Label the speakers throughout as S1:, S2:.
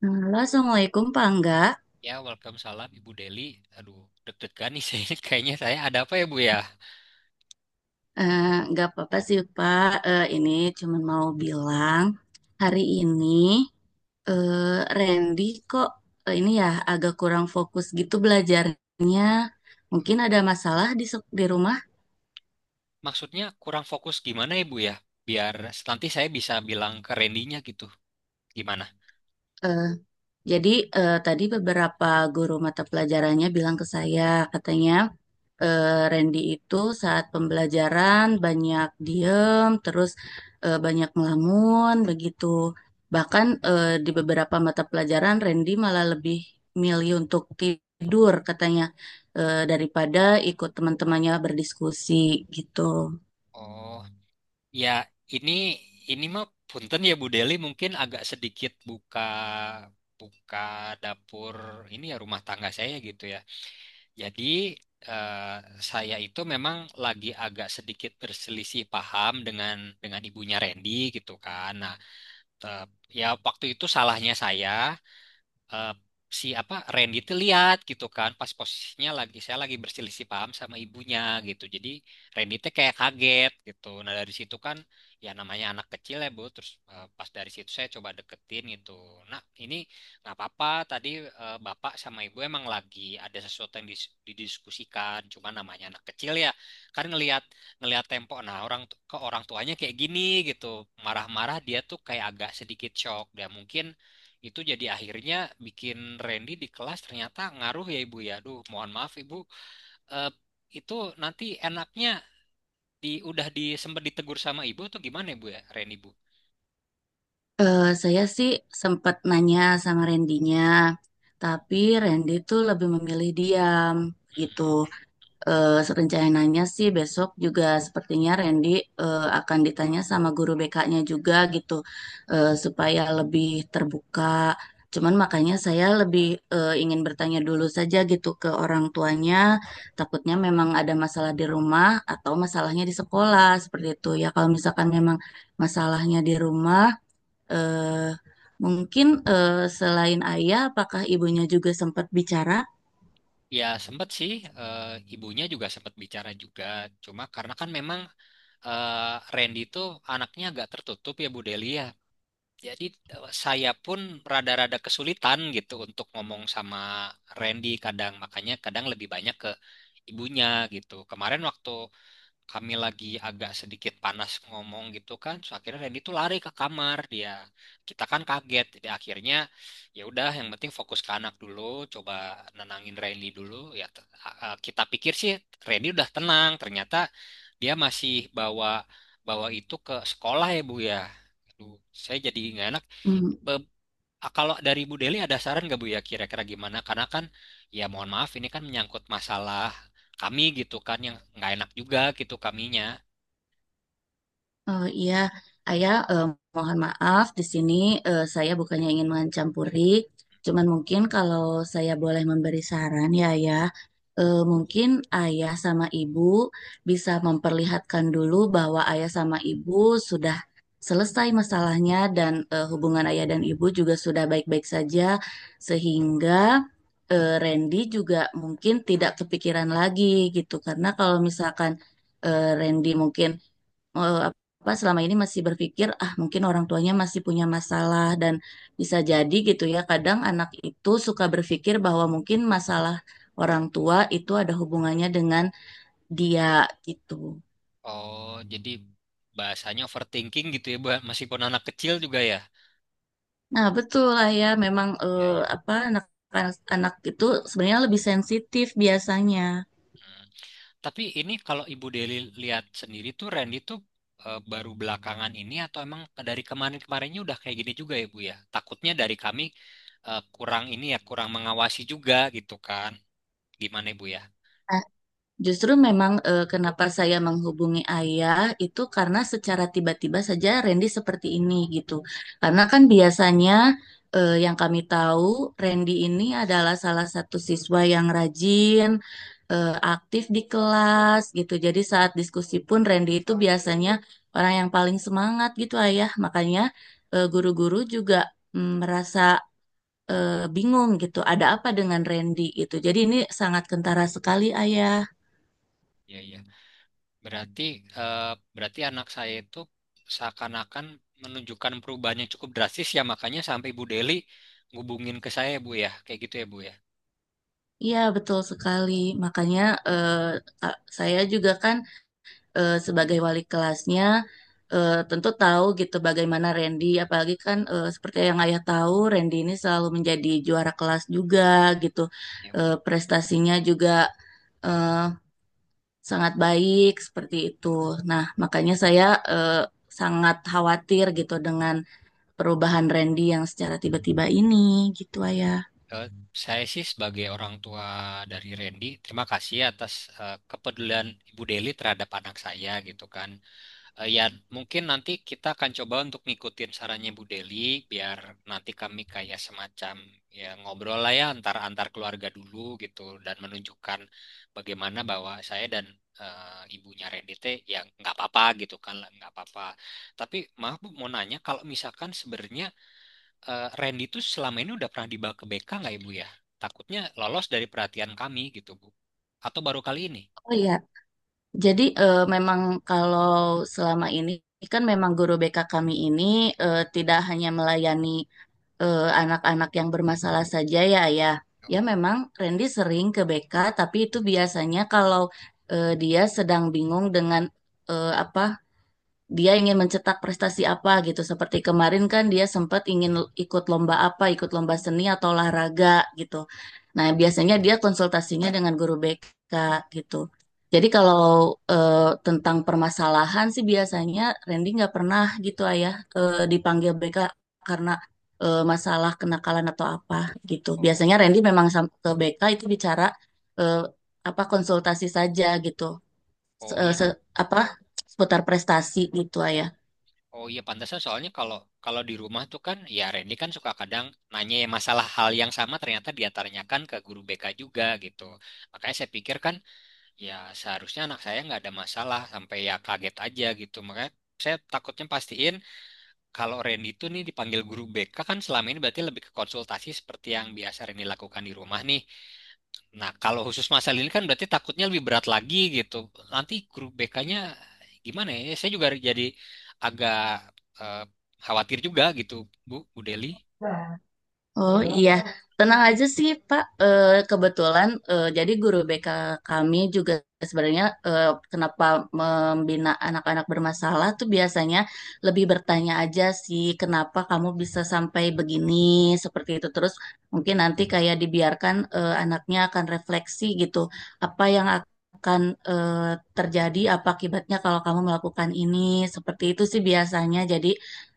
S1: Halo, Assalamualaikum Pak Angga.
S2: Ya, welcome salam Ibu Deli. Aduh, deg-degan nih saya. Kayaknya saya ada apa ya, Bu ya?
S1: Eh, nggak apa-apa sih Pak. Ini cuman mau bilang hari ini eh, Randy kok ini ya agak kurang fokus gitu belajarnya. Mungkin ada masalah di di rumah.
S2: Maksudnya kurang fokus gimana ya, Bu ya? Biar nanti saya bisa bilang ke Randy-nya gitu. Gimana?
S1: Eh, jadi tadi beberapa guru mata pelajarannya bilang ke saya katanya. Randy itu saat pembelajaran banyak diem, terus banyak ngelamun begitu. Bahkan di beberapa mata pelajaran Randy malah lebih milih untuk tidur katanya daripada ikut teman-temannya berdiskusi gitu.
S2: Oh, ya, ini ini mah punten ya Bu Deli, mungkin agak sedikit buka buka dapur ini ya, rumah tangga saya gitu ya. Jadi eh, saya itu memang lagi agak sedikit berselisih paham dengan ibunya Randy gitu kan. Nah, tetap. Ya waktu itu salahnya saya, eh, si apa Randy tuh lihat gitu kan, pas posisinya lagi saya lagi berselisih paham sama ibunya, gitu jadi Randy tuh kayak kaget gitu. Nah dari situ kan, ya namanya anak kecil ya Bu. Terus pas dari situ saya coba deketin gitu. Nah ini nggak apa-apa, tadi bapak sama ibu emang lagi ada sesuatu yang didiskusikan, cuma namanya anak kecil ya, kan ngelihat ngelihat tempo. Nah orang ke orang tuanya kayak gini gitu, marah-marah, dia tuh kayak agak sedikit shock dia mungkin itu, jadi akhirnya bikin Randy di kelas ternyata ngaruh ya Ibu ya. Aduh, mohon maaf Ibu. Eh, itu nanti enaknya di udah di sempet ditegur sama ibu atau gimana ibu ya, Randy Bu?
S1: Saya sih sempat nanya sama Randinya, tapi Randy tuh lebih memilih diam gitu. Rencananya sih besok juga sepertinya Randy akan ditanya sama guru BK-nya juga gitu supaya lebih terbuka. Cuman makanya saya lebih ingin bertanya dulu saja gitu ke orang tuanya, takutnya memang ada masalah di rumah atau masalahnya di sekolah seperti itu. Ya kalau misalkan memang masalahnya di rumah, eh, mungkin selain ayah, apakah ibunya juga sempat bicara?
S2: Ya sempet sih, eh, ibunya juga sempet bicara juga. Cuma karena kan memang Randy itu anaknya agak tertutup ya Bu Delia. Jadi saya pun rada-rada kesulitan gitu untuk ngomong sama Randy kadang, makanya kadang lebih banyak ke ibunya gitu. Kemarin waktu kami lagi agak sedikit panas ngomong gitu kan, so akhirnya Randy tuh lari ke kamar dia. Kita kan kaget, jadi akhirnya ya udah, yang penting fokus ke anak dulu, coba nenangin Randy dulu. Ya kita pikir sih Randy udah tenang, ternyata dia masih bawa bawa itu ke sekolah ya Bu ya. Aduh, saya jadi nggak enak.
S1: Hmm.
S2: Be- Ah, kalau dari Bu Deli ada saran nggak Bu ya, kira-kira gimana? Karena kan ya mohon maaf, ini kan menyangkut masalah kami gitu kan, yang nggak enak juga gitu kaminya.
S1: Oh iya, Ayah, mohon maaf di sini saya bukannya ingin mencampuri, cuman mungkin kalau saya boleh memberi saran ya Ayah, mungkin Ayah sama Ibu bisa memperlihatkan dulu bahwa Ayah sama Ibu sudah selesai masalahnya dan hubungan Ayah dan Ibu juga sudah baik-baik saja, sehingga Randy juga mungkin tidak kepikiran lagi gitu, karena kalau misalkan Randy mungkin eh, apa selama ini masih berpikir ah mungkin orang tuanya masih punya masalah dan bisa jadi gitu ya kadang anak itu suka berpikir bahwa mungkin masalah orang tua itu ada hubungannya dengan dia gitu.
S2: Oh, jadi bahasanya overthinking gitu ya Bu ya, meskipun anak kecil juga ya.
S1: Nah, betul lah ya memang
S2: Ya, ya.
S1: apa anak anak itu sebenarnya lebih sensitif biasanya.
S2: Hmm. Tapi ini kalau Ibu Deli lihat sendiri tuh Randy tuh baru belakangan ini atau emang dari kemarin-kemarinnya udah kayak gini juga ya Bu ya? Takutnya dari kami kurang ini ya, kurang mengawasi juga gitu kan? Gimana Ibu ya?
S1: Justru memang kenapa saya menghubungi ayah itu karena secara tiba-tiba saja Randy seperti ini gitu. Karena kan biasanya yang kami tahu Randy ini adalah salah satu siswa yang rajin, aktif di kelas gitu. Jadi saat diskusi pun Randy itu biasanya orang yang paling semangat gitu ayah. Makanya guru-guru juga mm, merasa bingung gitu, ada apa dengan Randy gitu. Jadi ini sangat kentara sekali ayah.
S2: Ya, ya. Berarti eh, berarti anak saya itu seakan-akan menunjukkan perubahannya cukup drastis, ya makanya sampai Bu Deli ngubungin ke saya Bu ya kayak gitu ya Bu ya.
S1: Iya, betul sekali. Makanya eh, saya juga kan sebagai wali kelasnya tentu tahu gitu bagaimana Randy, apalagi kan seperti yang ayah tahu, Randy ini selalu menjadi juara kelas juga gitu.
S2: Ya, Bu.
S1: Prestasinya juga eh, sangat baik seperti itu. Nah, makanya saya eh, sangat khawatir gitu dengan perubahan Randy yang secara tiba-tiba ini gitu, ayah.
S2: Eh, saya sih sebagai orang tua dari Randy terima kasih atas kepedulian Ibu Deli terhadap anak saya gitu kan. Ya, mungkin nanti kita akan coba untuk ngikutin sarannya Bu Deli, biar nanti kami kayak semacam ya ngobrol lah ya antar antar keluarga dulu gitu, dan menunjukkan bagaimana bahwa saya dan ibunya Randy teh ya nggak apa-apa gitu kan lah, nggak apa-apa. Tapi maaf Bu, mau nanya, kalau misalkan sebenarnya Randy tuh selama ini udah pernah dibawa ke BK nggak Ibu ya? Takutnya lolos dari perhatian kami gitu Bu. Atau baru kali ini?
S1: Oh iya, jadi memang kalau selama ini kan memang guru BK kami ini tidak hanya melayani anak-anak yang bermasalah saja ya ya.
S2: Oh,
S1: Ya memang Randy sering ke BK tapi itu biasanya kalau dia sedang bingung dengan apa dia ingin mencetak prestasi apa gitu. Seperti kemarin kan dia sempat ingin ikut lomba apa, ikut lomba seni atau olahraga gitu. Nah, biasanya dia konsultasinya dengan guru BK gitu. Jadi kalau tentang permasalahan sih biasanya Randy nggak pernah gitu ayah dipanggil BK karena masalah kenakalan atau apa gitu. Biasanya
S2: oh,
S1: Randy memang ke BK itu bicara eh, apa konsultasi saja gitu se-
S2: oh,
S1: eh,
S2: iya.
S1: se- apa seputar prestasi gitu ya.
S2: Oh iya pantasnya, soalnya kalau kalau di rumah tuh kan ya Randy kan suka kadang nanya ya masalah hal yang sama ternyata dia tanyakan ke guru BK juga gitu. Makanya saya pikir kan ya seharusnya anak saya nggak ada masalah, sampai ya kaget aja gitu. Makanya saya takutnya pastiin kalau Randy itu nih dipanggil guru BK kan selama ini berarti lebih ke konsultasi seperti yang biasa Randy lakukan di rumah nih. Nah, kalau khusus masalah ini kan berarti takutnya lebih berat lagi gitu. Nanti grup BK-nya gimana ya? Saya juga jadi agak eh, khawatir juga gitu, Bu, Bu Deli.
S1: Oh iya, tenang aja sih Pak.
S2: Hmm?
S1: Kebetulan jadi guru BK kami juga sebenarnya kenapa membina anak-anak bermasalah tuh biasanya lebih bertanya aja sih kenapa kamu bisa sampai begini seperti itu. Terus mungkin nanti kayak dibiarkan anaknya akan refleksi gitu apa yang akan terjadi apa akibatnya kalau kamu melakukan ini seperti itu sih biasanya. Jadi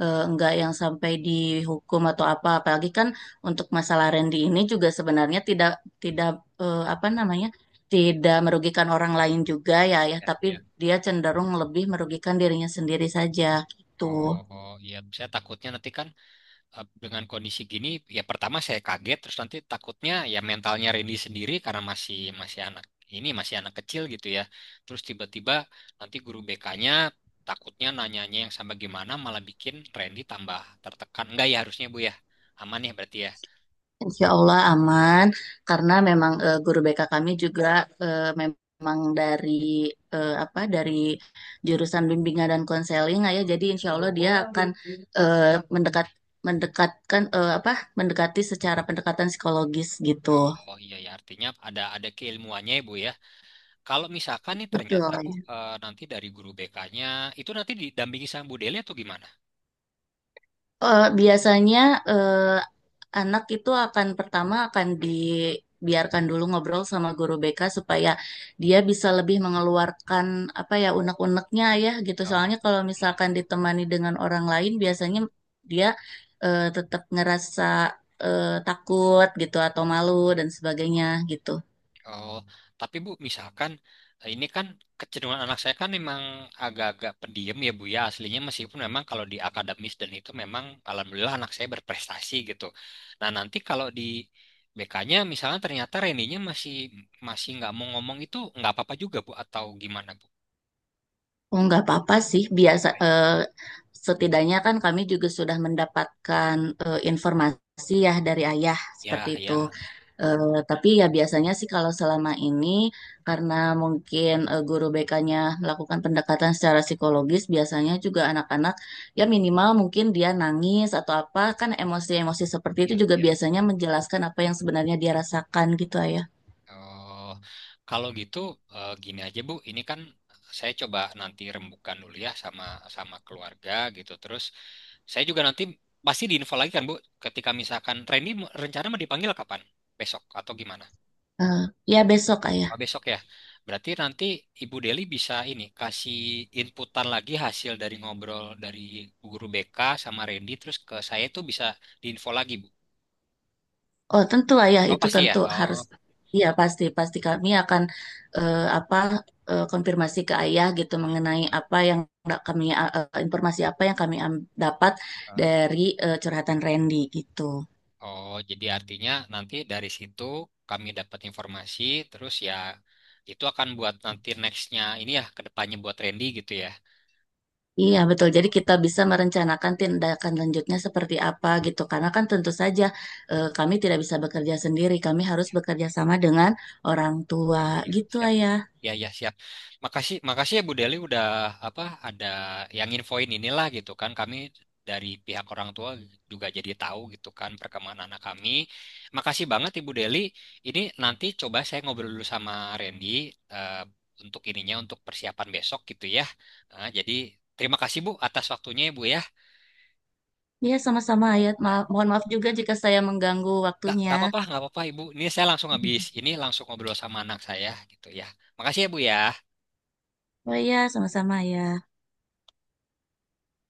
S1: enggak yang sampai dihukum atau apa. Apalagi kan untuk masalah Randy ini juga sebenarnya tidak tidak apa namanya tidak merugikan orang lain juga ya ya
S2: Ya,
S1: tapi
S2: ya.
S1: dia cenderung lebih merugikan dirinya sendiri saja
S2: Oh,
S1: gitu.
S2: oh, iya, saya takutnya nanti kan dengan kondisi gini ya pertama saya kaget, terus nanti takutnya ya mentalnya Randy sendiri karena masih masih anak, ini masih anak kecil gitu ya, terus tiba-tiba nanti guru BK-nya takutnya nanyanya yang sama gimana, malah bikin Randy tambah tertekan enggak ya, harusnya Bu ya aman ya berarti ya.
S1: Insya Allah aman karena memang guru BK kami juga memang dari apa dari jurusan bimbingan dan konseling ya jadi insya Allah dia akan eh, mendekat mendekatkan apa mendekati secara pendekatan psikologis gitu.
S2: Oh iya ya, artinya ada keilmuannya ya Bu ya. Kalau misalkan nih ternyata Bu
S1: Betul.
S2: nanti dari guru BK-nya itu nanti didampingi sama Bu Deli atau gimana?
S1: Biasanya eh, anak itu akan pertama akan dibiarkan dulu ngobrol sama guru BK supaya dia bisa lebih mengeluarkan apa ya unek-uneknya ya gitu.
S2: Oh.
S1: Soalnya kalau
S2: Iya.
S1: misalkan ditemani dengan orang lain biasanya dia tetap ngerasa takut gitu atau malu dan sebagainya gitu.
S2: Oh, tapi Bu, misalkan ini kan kecenderungan anak saya kan memang agak-agak pendiam ya Bu ya aslinya, meskipun memang kalau di akademis dan itu memang alhamdulillah anak saya berprestasi gitu. Nah nanti kalau di BK-nya misalnya ternyata Reninya masih masih nggak mau ngomong, itu nggak apa-apa juga Bu atau gimana Bu?
S1: Oh, nggak apa-apa sih.
S2: Nggak
S1: Biasa,
S2: apa-apa ya.
S1: setidaknya kan kami juga sudah mendapatkan informasi ya dari ayah seperti
S2: Ya,
S1: itu.
S2: ya,
S1: Tapi ya biasanya sih kalau selama ini karena mungkin guru BK-nya melakukan pendekatan secara psikologis, biasanya juga anak-anak ya minimal mungkin dia nangis atau apa kan emosi-emosi seperti itu
S2: ya,
S1: juga
S2: ya.
S1: biasanya menjelaskan apa yang sebenarnya dia rasakan gitu ayah.
S2: Oh, kalau gitu gini aja Bu, ini kan saya coba nanti rembukan dulu ya sama sama keluarga gitu. Terus saya juga nanti pasti diinfo lagi kan Bu, ketika misalkan Randy rencana mau dipanggil kapan? Besok atau gimana?
S1: Eh, Ya besok ayah.
S2: Oh, besok ya. Berarti nanti Ibu Deli bisa ini kasih inputan lagi hasil dari ngobrol dari Bu Guru BK sama Randy terus ke saya, itu bisa diinfo lagi Bu.
S1: Oh tentu lah ya
S2: Oh
S1: itu
S2: pasti ya.
S1: tentu harus
S2: Oh.
S1: iya pasti pasti kami akan apa konfirmasi ke ayah gitu mengenai apa yang kami informasi apa yang kami dapat dari curhatan Randy gitu.
S2: Oh, jadi artinya nanti dari situ kami dapat informasi, terus ya itu akan buat nanti nextnya ini ya kedepannya buat Randy gitu ya.
S1: Iya betul. Jadi kita bisa merencanakan tindakan lanjutnya seperti apa gitu. Karena kan tentu saja kami tidak bisa bekerja sendiri. Kami harus bekerja sama dengan orang tua
S2: Oh iya,
S1: gitu
S2: siap.
S1: ayah.
S2: Ya ya siap. Makasih makasih ya Bu Deli udah apa ada yang infoin inilah gitu kan. Kami dari pihak orang tua juga jadi tahu gitu kan perkembangan anak kami. Makasih banget Ibu Deli. Ini nanti coba saya ngobrol dulu sama Randy eh, untuk ininya untuk persiapan besok gitu ya. Jadi terima kasih Bu atas waktunya ya Bu ya.
S1: Iya sama-sama ayah.
S2: Ya,
S1: Mohon maaf juga jika saya mengganggu
S2: Nggak
S1: waktunya.
S2: nggak apa-apa, nggak apa-apa Ibu. Ini saya langsung habis ini langsung ngobrol sama anak saya gitu ya. Makasih ya Bu ya.
S1: Oh iya, sama-sama ya.